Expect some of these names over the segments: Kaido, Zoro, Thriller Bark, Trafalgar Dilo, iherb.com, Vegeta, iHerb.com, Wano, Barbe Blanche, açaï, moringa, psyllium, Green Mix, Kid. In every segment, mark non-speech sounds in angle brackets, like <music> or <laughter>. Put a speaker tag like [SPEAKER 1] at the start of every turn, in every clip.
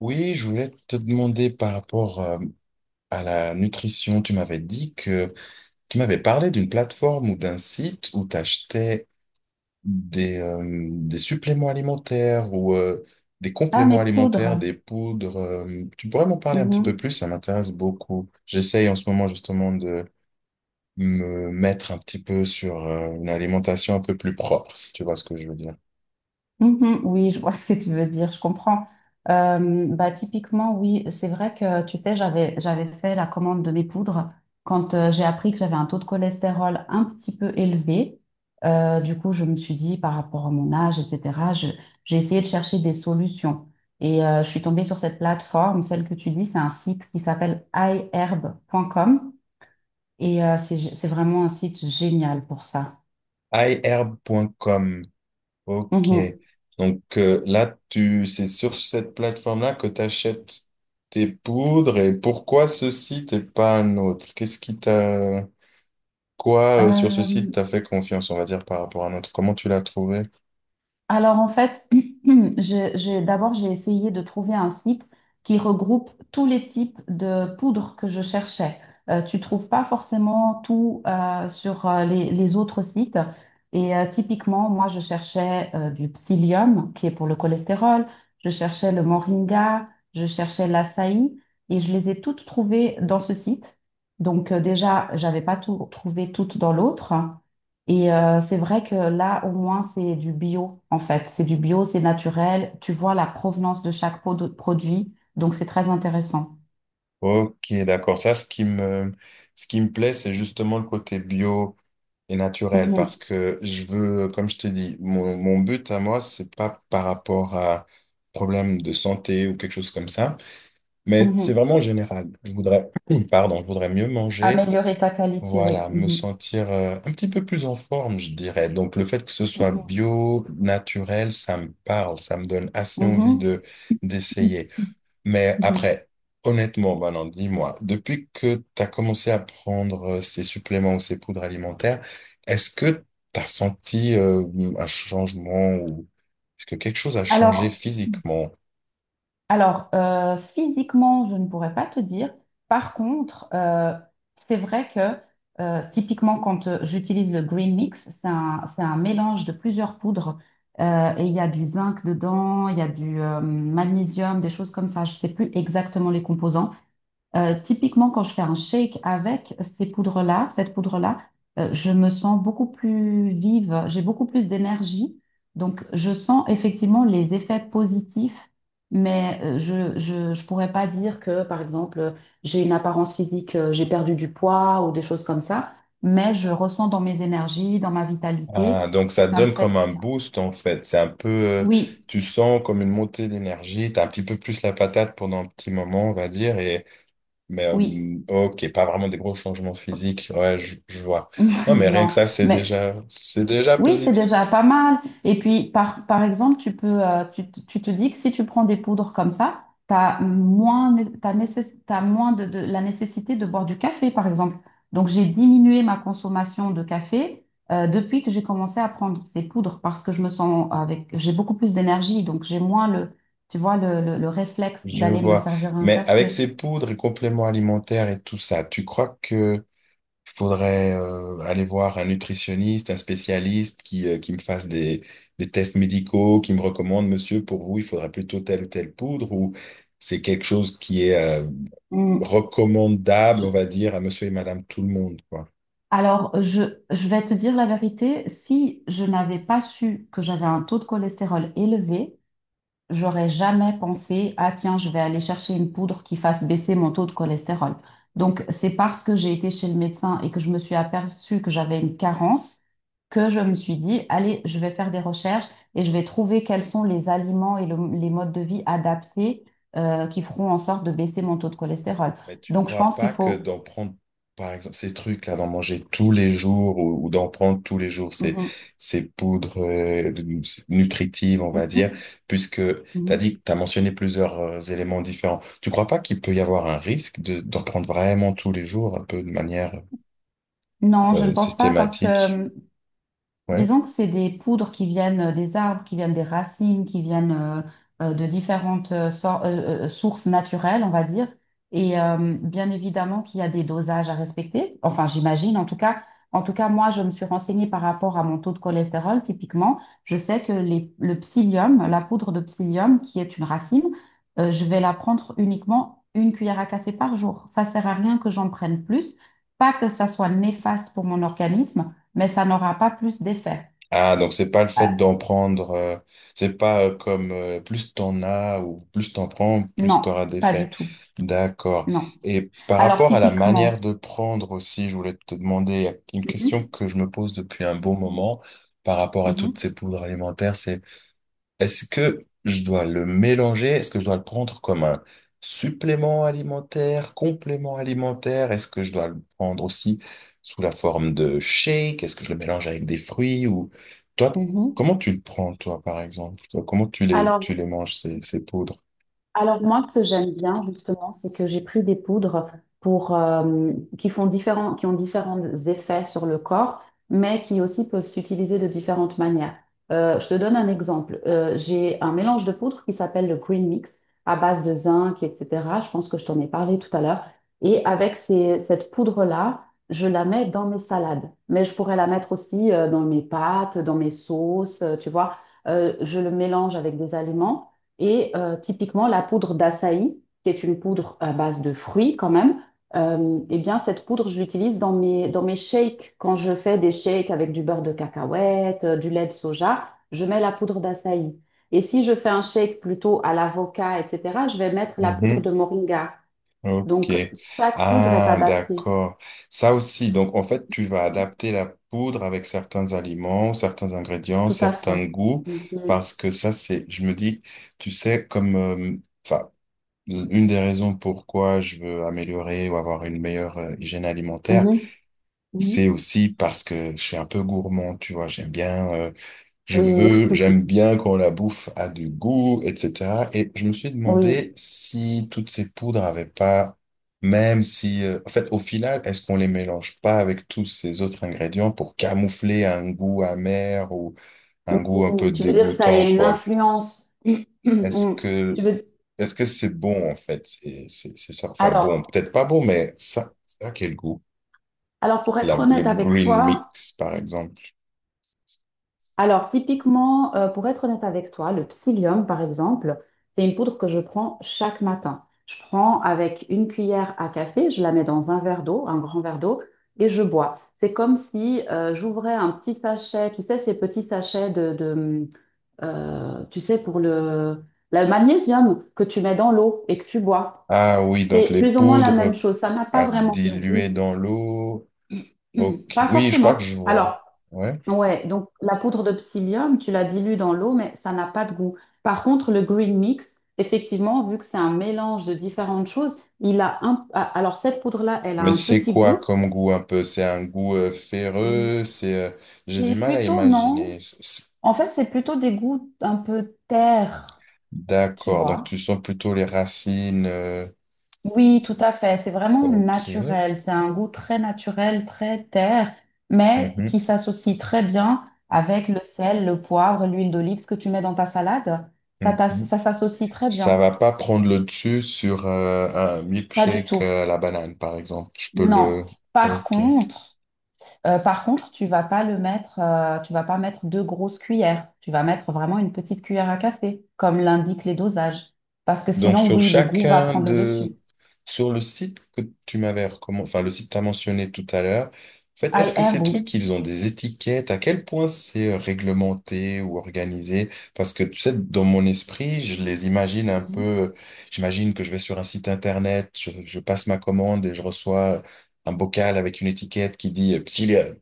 [SPEAKER 1] Oui, je voulais te demander par rapport à la nutrition. Tu m'avais dit que tu m'avais parlé d'une plateforme ou d'un site où tu achetais des, euh, des suppléments alimentaires ou des
[SPEAKER 2] Ah, mes
[SPEAKER 1] compléments alimentaires,
[SPEAKER 2] poudres.
[SPEAKER 1] des poudres. Tu pourrais m'en parler un petit peu
[SPEAKER 2] Mhm.
[SPEAKER 1] plus, ça m'intéresse beaucoup. J'essaye en ce moment justement de me mettre un petit peu sur une alimentation un peu plus propre, si tu vois ce que je veux dire.
[SPEAKER 2] Mhm. Oui, je vois <laughs> ce que tu veux dire, je comprends. Typiquement, oui, c'est vrai que, tu sais, j'avais fait la commande de mes poudres quand j'ai appris que j'avais un taux de cholestérol un petit peu élevé. Du coup, je me suis dit, par rapport à mon âge, etc., j'ai essayé de chercher des solutions. Je suis tombée sur cette plateforme, celle que tu dis, c'est un site qui s'appelle iherb.com. C'est vraiment un site génial pour ça.
[SPEAKER 1] iHerb.com. Ok.
[SPEAKER 2] Mhm.
[SPEAKER 1] Donc, c'est sur cette plateforme-là que tu achètes tes poudres, et pourquoi ce site et pas un autre? Qu'est-ce qui t'a... sur ce site
[SPEAKER 2] Euh,
[SPEAKER 1] t'a fait confiance, on va dire, par rapport à un autre? Comment tu l'as trouvé?
[SPEAKER 2] Alors en fait, <clears throat> d'abord j'ai essayé de trouver un site qui regroupe tous les types de poudres que je cherchais. Tu trouves pas forcément tout sur les autres sites. Typiquement, moi je cherchais du psyllium qui est pour le cholestérol, je cherchais le moringa, je cherchais l'açaï et je les ai toutes trouvées dans ce site. Déjà, j'avais pas tout trouvé toutes dans l'autre. C'est vrai que là, au moins, c'est du bio, en fait. C'est du bio, c'est naturel. Tu vois la provenance de chaque pot de produit. Donc, c'est très intéressant.
[SPEAKER 1] Ok, d'accord. Ça, ce qui me plaît, c'est justement le côté bio et naturel, parce
[SPEAKER 2] Mhm,
[SPEAKER 1] que je veux, comme je te dis, mon but à moi, c'est pas par rapport à problème de santé ou quelque chose comme ça. Mais c'est
[SPEAKER 2] mhm.
[SPEAKER 1] vraiment général. Je voudrais, <clears throat> pardon, je voudrais mieux manger,
[SPEAKER 2] Améliorer ta qualité, oui.
[SPEAKER 1] voilà, me
[SPEAKER 2] Mhm,
[SPEAKER 1] sentir un petit peu plus en forme, je dirais. Donc le fait que ce soit
[SPEAKER 2] mhm,
[SPEAKER 1] bio, naturel, ça me parle, ça me donne assez envie
[SPEAKER 2] mhm,
[SPEAKER 1] de d'essayer. Mais
[SPEAKER 2] mhm.
[SPEAKER 1] après, honnêtement, Manon, dis-moi, depuis que tu as commencé à prendre ces suppléments ou ces poudres alimentaires, est-ce que tu as senti un changement, ou est-ce que quelque chose a changé
[SPEAKER 2] Alors,
[SPEAKER 1] physiquement?
[SPEAKER 2] Alors, physiquement, je ne pourrais pas te dire. Par contre, c'est vrai que typiquement, quand j'utilise le Green Mix, c'est un mélange de plusieurs poudres et il y a du zinc dedans, il y a du magnésium, des choses comme ça. Je ne sais plus exactement les composants. Typiquement, quand je fais un shake avec ces cette poudre-là, je me sens beaucoup plus vive, j'ai beaucoup plus d'énergie. Donc, je sens effectivement les effets positifs, mais je pourrais pas dire que, par exemple, j'ai une apparence physique, j'ai perdu du poids ou des choses comme ça, mais je ressens dans mes énergies, dans ma
[SPEAKER 1] Ah,
[SPEAKER 2] vitalité,
[SPEAKER 1] donc
[SPEAKER 2] que
[SPEAKER 1] ça
[SPEAKER 2] ça me
[SPEAKER 1] donne
[SPEAKER 2] fait...
[SPEAKER 1] comme un boost en fait. C'est un peu,
[SPEAKER 2] Oui,
[SPEAKER 1] tu sens comme une montée d'énergie. T'as un petit peu plus la patate pendant un petit moment, on va dire. Et mais,
[SPEAKER 2] oui,
[SPEAKER 1] ok, pas vraiment des gros changements physiques. Ouais, je vois.
[SPEAKER 2] <laughs>
[SPEAKER 1] Non, mais rien que
[SPEAKER 2] non.
[SPEAKER 1] ça,
[SPEAKER 2] Mais
[SPEAKER 1] c'est déjà
[SPEAKER 2] oui, c'est
[SPEAKER 1] positif.
[SPEAKER 2] déjà pas mal. Et puis, par exemple, tu te dis que si tu prends des poudres comme ça, tu as moins, né- t'as nécess- t'as moins la nécessité de boire du café, par exemple. Donc, j'ai diminué ma consommation de café depuis que j'ai commencé à prendre ces poudres parce que je me sens avec, j'ai beaucoup plus d'énergie, donc j'ai moins le, tu vois, le réflexe
[SPEAKER 1] Je
[SPEAKER 2] d'aller me
[SPEAKER 1] vois.
[SPEAKER 2] servir un
[SPEAKER 1] Mais avec
[SPEAKER 2] café.
[SPEAKER 1] ces poudres et compléments alimentaires et tout ça, tu crois que faudrait aller voir un nutritionniste, un spécialiste qui me fasse des tests médicaux, qui me recommande, monsieur, pour vous, il faudrait plutôt telle ou telle poudre, ou c'est quelque chose qui est
[SPEAKER 2] Mm.
[SPEAKER 1] recommandable, on va dire, à monsieur et madame tout le monde, quoi.
[SPEAKER 2] Alors, je, je vais te dire la vérité, si je n'avais pas su que j'avais un taux de cholestérol élevé, j'aurais jamais pensé, ah tiens, je vais aller chercher une poudre qui fasse baisser mon taux de cholestérol. Donc, c'est parce que j'ai été chez le médecin et que je me suis aperçue que j'avais une carence que je me suis dit, allez, je vais faire des recherches et je vais trouver quels sont les aliments et les modes de vie adaptés qui feront en sorte de baisser mon taux de cholestérol.
[SPEAKER 1] Mais tu
[SPEAKER 2] Donc, je
[SPEAKER 1] crois
[SPEAKER 2] pense qu'il
[SPEAKER 1] pas que
[SPEAKER 2] faut...
[SPEAKER 1] d'en prendre, par exemple, ces trucs-là, d'en manger tous les jours, ou d'en prendre tous les jours
[SPEAKER 2] Mhm.
[SPEAKER 1] ces poudres nutritives, on va
[SPEAKER 2] Mhm.
[SPEAKER 1] dire, puisque tu as
[SPEAKER 2] Mhm.
[SPEAKER 1] dit, tu as mentionné plusieurs éléments différents. Tu crois pas qu'il peut y avoir un risque de, d'en prendre vraiment tous les jours, un peu de manière
[SPEAKER 2] Non, je ne pense pas parce que
[SPEAKER 1] systématique? Ouais.
[SPEAKER 2] disons que c'est des poudres qui viennent des arbres, qui viennent des racines, qui viennent de différentes sources naturelles, on va dire. Bien évidemment qu'il y a des dosages à respecter. Enfin, j'imagine en tout cas. En tout cas, moi, je me suis renseignée par rapport à mon taux de cholestérol. Typiquement, je sais que le psyllium, la poudre de psyllium, qui est une racine, je vais la prendre uniquement une cuillère à café par jour. Ça sert à rien que j'en prenne plus. Pas que ça soit néfaste pour mon organisme mais ça n'aura pas plus d'effet.
[SPEAKER 1] Ah, donc c'est pas le
[SPEAKER 2] Euh,
[SPEAKER 1] fait d'en prendre, c'est pas comme, plus t'en as ou plus t'en prends, plus
[SPEAKER 2] non,
[SPEAKER 1] t'auras
[SPEAKER 2] pas du
[SPEAKER 1] d'effets.
[SPEAKER 2] tout.
[SPEAKER 1] D'accord.
[SPEAKER 2] Non.
[SPEAKER 1] Et par
[SPEAKER 2] Alors,
[SPEAKER 1] rapport à la manière
[SPEAKER 2] typiquement.
[SPEAKER 1] de prendre aussi, je voulais te demander une question
[SPEAKER 2] Mhm,
[SPEAKER 1] que je me pose depuis un bon moment par rapport à toutes
[SPEAKER 2] mhm,
[SPEAKER 1] ces poudres alimentaires, c'est est-ce que je dois le mélanger? Est-ce que je dois le prendre comme un supplément alimentaire, complément alimentaire? Est-ce que je dois le prendre aussi sous la forme de shake? Est-ce que je le mélange avec des fruits? Ou toi,
[SPEAKER 2] mhm.
[SPEAKER 1] comment tu le prends, toi, par exemple? Toi, comment tu les,
[SPEAKER 2] Alors,
[SPEAKER 1] manges, ces poudres?
[SPEAKER 2] Alors moi, ce que j'aime bien justement, c'est que j'ai pris des poudres pour, qui ont différents effets sur le corps, mais qui aussi peuvent s'utiliser de différentes manières. Je te donne un exemple. J'ai un mélange de poudres qui s'appelle le Green Mix à base de zinc, etc. Je pense que je t'en ai parlé tout à l'heure. Et avec cette poudre-là, je la mets dans mes salades, mais je pourrais la mettre aussi dans mes pâtes, dans mes sauces, tu vois. Je le mélange avec des aliments. Typiquement, la poudre d'açaï, qui est une poudre à base de fruits quand même, eh bien, cette poudre, je l'utilise dans mes shakes. Quand je fais des shakes avec du beurre de cacahuète, du lait de soja, je mets la poudre d'açaï. Et si je fais un shake plutôt à l'avocat, etc., je vais mettre la poudre de moringa.
[SPEAKER 1] Ok.
[SPEAKER 2] Donc, chaque poudre est
[SPEAKER 1] Ah,
[SPEAKER 2] adaptée.
[SPEAKER 1] d'accord. Ça aussi, donc en fait, tu vas adapter la poudre avec certains aliments, certains ingrédients,
[SPEAKER 2] Tout à fait.
[SPEAKER 1] certains goûts,
[SPEAKER 2] Mhm.
[SPEAKER 1] parce que ça, c'est, je me dis, tu sais, comme, enfin, une des raisons pourquoi je veux améliorer ou avoir une meilleure hygiène alimentaire,
[SPEAKER 2] Mhm.
[SPEAKER 1] c'est
[SPEAKER 2] Mhm.
[SPEAKER 1] aussi parce que je suis un peu gourmand, tu vois, j'aime bien.
[SPEAKER 2] Oui,
[SPEAKER 1] J'aime bien quand la bouffe a du goût, etc. Et je me suis
[SPEAKER 2] <laughs>
[SPEAKER 1] demandé
[SPEAKER 2] oui.
[SPEAKER 1] si toutes ces poudres avaient pas, même si, en fait, au final, est-ce qu'on les mélange pas avec tous ces autres ingrédients pour camoufler un goût amer ou un goût un peu
[SPEAKER 2] Mhm. Tu veux dire que ça a
[SPEAKER 1] dégoûtant,
[SPEAKER 2] une
[SPEAKER 1] quoi?
[SPEAKER 2] influence. <clears throat>
[SPEAKER 1] Est-ce
[SPEAKER 2] Mhm. Tu
[SPEAKER 1] que,
[SPEAKER 2] veux
[SPEAKER 1] est-ce que c'est bon, en fait? C'est ça. Enfin, bon,
[SPEAKER 2] Alors,
[SPEAKER 1] peut-être pas bon, mais ça a quel goût?
[SPEAKER 2] alors pour être
[SPEAKER 1] Le
[SPEAKER 2] honnête avec
[SPEAKER 1] green
[SPEAKER 2] toi,
[SPEAKER 1] mix, par exemple.
[SPEAKER 2] alors typiquement, pour être honnête avec toi, le psyllium, par exemple, c'est une poudre que je prends chaque matin. Je prends avec une cuillère à café, je la mets dans un verre d'eau, un grand verre d'eau, et je bois. C'est comme si j'ouvrais un petit sachet, tu sais, ces petits sachets tu sais, pour le magnésium que tu mets dans l'eau et que tu bois.
[SPEAKER 1] Ah oui, donc
[SPEAKER 2] C'est
[SPEAKER 1] les
[SPEAKER 2] plus ou moins la même
[SPEAKER 1] poudres
[SPEAKER 2] chose. Ça n'a pas
[SPEAKER 1] à
[SPEAKER 2] vraiment de goût.
[SPEAKER 1] diluer dans l'eau.
[SPEAKER 2] <clears throat>
[SPEAKER 1] Ok.
[SPEAKER 2] Pas
[SPEAKER 1] Oui, je crois
[SPEAKER 2] forcément.
[SPEAKER 1] que je vois.
[SPEAKER 2] Alors,
[SPEAKER 1] Ouais.
[SPEAKER 2] ouais, donc la poudre de psyllium, tu la dilues dans l'eau, mais ça n'a pas de goût. Par contre, le green mix, effectivement, vu que c'est un mélange de différentes choses, il a un... ah, alors cette poudre-là, elle a
[SPEAKER 1] Mais
[SPEAKER 2] un
[SPEAKER 1] c'est
[SPEAKER 2] petit
[SPEAKER 1] quoi
[SPEAKER 2] goût.
[SPEAKER 1] comme goût un peu? C'est un goût ferreux, c'est j'ai du
[SPEAKER 2] C'est
[SPEAKER 1] mal à
[SPEAKER 2] plutôt non.
[SPEAKER 1] imaginer.
[SPEAKER 2] En fait, c'est plutôt des goûts un peu terre, tu
[SPEAKER 1] D'accord. Donc tu
[SPEAKER 2] vois.
[SPEAKER 1] sens plutôt les racines.
[SPEAKER 2] Oui, tout à fait. C'est vraiment
[SPEAKER 1] Ok.
[SPEAKER 2] naturel. C'est un goût très naturel, très terre, mais
[SPEAKER 1] Mhm,
[SPEAKER 2] qui s'associe très bien avec le sel, le poivre, l'huile d'olive, ce que tu mets dans ta salade.
[SPEAKER 1] mhm.
[SPEAKER 2] Ça s'associe très
[SPEAKER 1] Ça
[SPEAKER 2] bien.
[SPEAKER 1] va pas prendre le dessus sur un
[SPEAKER 2] Pas du
[SPEAKER 1] milkshake
[SPEAKER 2] tout.
[SPEAKER 1] à la banane, par exemple. Je peux
[SPEAKER 2] Non.
[SPEAKER 1] le.
[SPEAKER 2] Par
[SPEAKER 1] Ok.
[SPEAKER 2] contre, par contre, tu vas pas mettre deux grosses cuillères. Tu vas mettre vraiment une petite cuillère à café, comme l'indiquent les dosages. Parce que
[SPEAKER 1] Donc,
[SPEAKER 2] sinon,
[SPEAKER 1] sur
[SPEAKER 2] oui, le goût va
[SPEAKER 1] chacun
[SPEAKER 2] prendre le dessus.
[SPEAKER 1] de... Sur le site que tu m'avais recommandé, enfin, le site que tu as mentionné tout à l'heure, en fait, est-ce
[SPEAKER 2] Ail
[SPEAKER 1] que ces
[SPEAKER 2] herbe, oui.
[SPEAKER 1] trucs, ils ont des étiquettes? À quel point c'est réglementé ou organisé? Parce que, tu sais, dans mon esprit, je les imagine un
[SPEAKER 2] Mhm.
[SPEAKER 1] peu... J'imagine que je vais sur un site internet, je passe ma commande et je reçois un bocal avec une étiquette qui dit euh,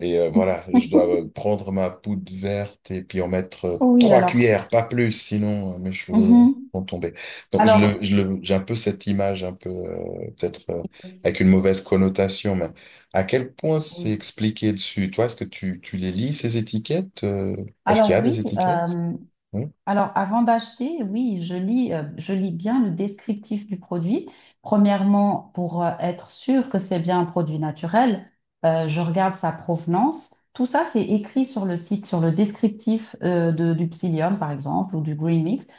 [SPEAKER 1] voilà, je dois
[SPEAKER 2] <laughs>
[SPEAKER 1] prendre ma poudre verte et puis en mettre
[SPEAKER 2] Oui,
[SPEAKER 1] trois
[SPEAKER 2] alors.
[SPEAKER 1] cuillères, pas plus, sinon mes cheveux
[SPEAKER 2] Mhm.
[SPEAKER 1] vont tomber. Donc
[SPEAKER 2] Alors,
[SPEAKER 1] j'ai un peu cette image, un peu peut-être,
[SPEAKER 2] oui.
[SPEAKER 1] avec une mauvaise connotation, mais à quel point c'est
[SPEAKER 2] Oui.
[SPEAKER 1] expliqué dessus? Toi, est-ce que tu les lis, ces étiquettes? Est-ce qu'il y
[SPEAKER 2] Alors
[SPEAKER 1] a des
[SPEAKER 2] oui,
[SPEAKER 1] étiquettes? Non.
[SPEAKER 2] alors avant d'acheter, oui, je lis bien le descriptif du produit. Premièrement, pour être sûr que c'est bien un produit naturel, je regarde sa provenance. Tout ça, c'est écrit sur le site, sur le descriptif du Psyllium, par exemple, ou du Green Mix.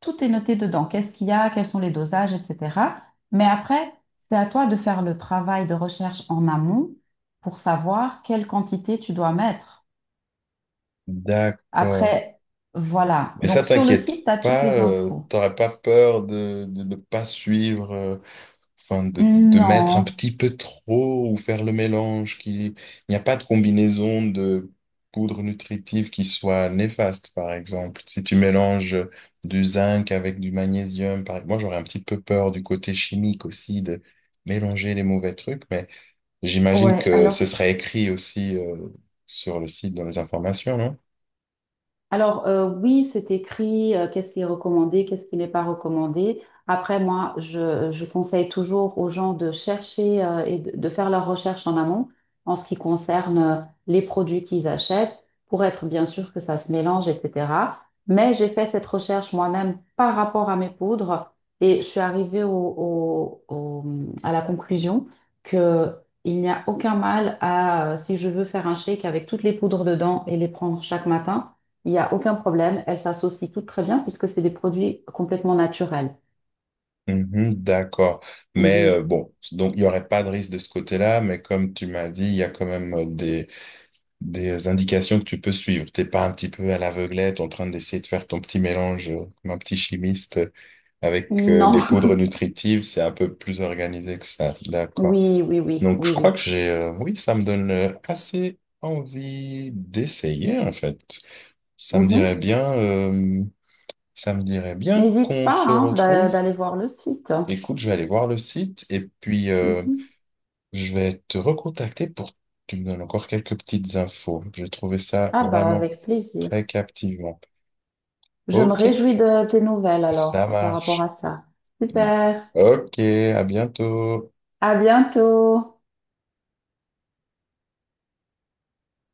[SPEAKER 2] Tout est noté dedans. Qu'est-ce qu'il y a, quels sont les dosages, etc. Mais après, c'est à toi de faire le travail de recherche en amont pour savoir quelle quantité tu dois mettre.
[SPEAKER 1] D'accord.
[SPEAKER 2] Après, voilà.
[SPEAKER 1] Mais ça
[SPEAKER 2] Donc, sur le
[SPEAKER 1] t'inquiète
[SPEAKER 2] site, tu as toutes
[SPEAKER 1] pas,
[SPEAKER 2] les infos.
[SPEAKER 1] t'aurais pas peur de ne pas suivre. Enfin, de mettre un
[SPEAKER 2] Non.
[SPEAKER 1] petit peu trop ou faire le mélange, il n'y a pas de combinaison de poudre nutritive qui soit néfaste, par exemple. Si tu mélanges du zinc avec du magnésium, par... moi j'aurais un petit peu peur du côté chimique aussi, de mélanger les mauvais trucs, mais j'imagine
[SPEAKER 2] Ouais,
[SPEAKER 1] que ce
[SPEAKER 2] alors
[SPEAKER 1] serait écrit aussi sur le site dans les informations, non?
[SPEAKER 2] Alors, oui, c'est écrit, qu'est-ce qui est recommandé, qu'est-ce qui n'est pas recommandé. Après, je conseille toujours aux gens de chercher, et de faire leurs recherches en amont en ce qui concerne, les produits qu'ils achètent pour être bien sûr que ça se mélange, etc. Mais j'ai fait cette recherche moi-même par rapport à mes poudres et je suis arrivée au- à la conclusion que il n'y a aucun mal à, si je veux faire un shake avec toutes les poudres dedans et les prendre chaque matin il n'y a aucun problème. Elles s'associent toutes très bien puisque c'est des produits complètement naturels.
[SPEAKER 1] Mhm, d'accord. Mais euh,
[SPEAKER 2] Mhm. <laughs>
[SPEAKER 1] bon, donc il n'y aurait pas de risque de ce côté-là, mais comme tu m'as dit, il y a quand même des indications que tu peux suivre. T'es pas un petit peu à l'aveuglette en train d'essayer de faire ton petit mélange comme un petit chimiste avec
[SPEAKER 2] Non.
[SPEAKER 1] les poudres nutritives. C'est un peu plus organisé que ça. D'accord.
[SPEAKER 2] Oui, oui, oui,
[SPEAKER 1] Donc, je
[SPEAKER 2] oui,
[SPEAKER 1] crois que
[SPEAKER 2] oui.
[SPEAKER 1] j'ai, oui, ça me donne assez envie d'essayer, en fait. Ça me
[SPEAKER 2] Mhm.
[SPEAKER 1] dirait bien, euh, ça me dirait bien
[SPEAKER 2] N'hésite
[SPEAKER 1] qu'on
[SPEAKER 2] pas
[SPEAKER 1] se
[SPEAKER 2] hein,
[SPEAKER 1] retrouve.
[SPEAKER 2] d'aller voir le site.
[SPEAKER 1] Écoute, je vais aller voir le site et puis,
[SPEAKER 2] Mhm.
[SPEAKER 1] je vais te recontacter pour que tu me donnes encore quelques petites infos. J'ai trouvé ça
[SPEAKER 2] Ah bah
[SPEAKER 1] vraiment
[SPEAKER 2] avec
[SPEAKER 1] très
[SPEAKER 2] plaisir.
[SPEAKER 1] captivant.
[SPEAKER 2] Je me
[SPEAKER 1] Ok,
[SPEAKER 2] réjouis de tes nouvelles
[SPEAKER 1] ça
[SPEAKER 2] alors par rapport
[SPEAKER 1] marche.
[SPEAKER 2] à ça. Super.
[SPEAKER 1] Ok, à bientôt.
[SPEAKER 2] À bientôt.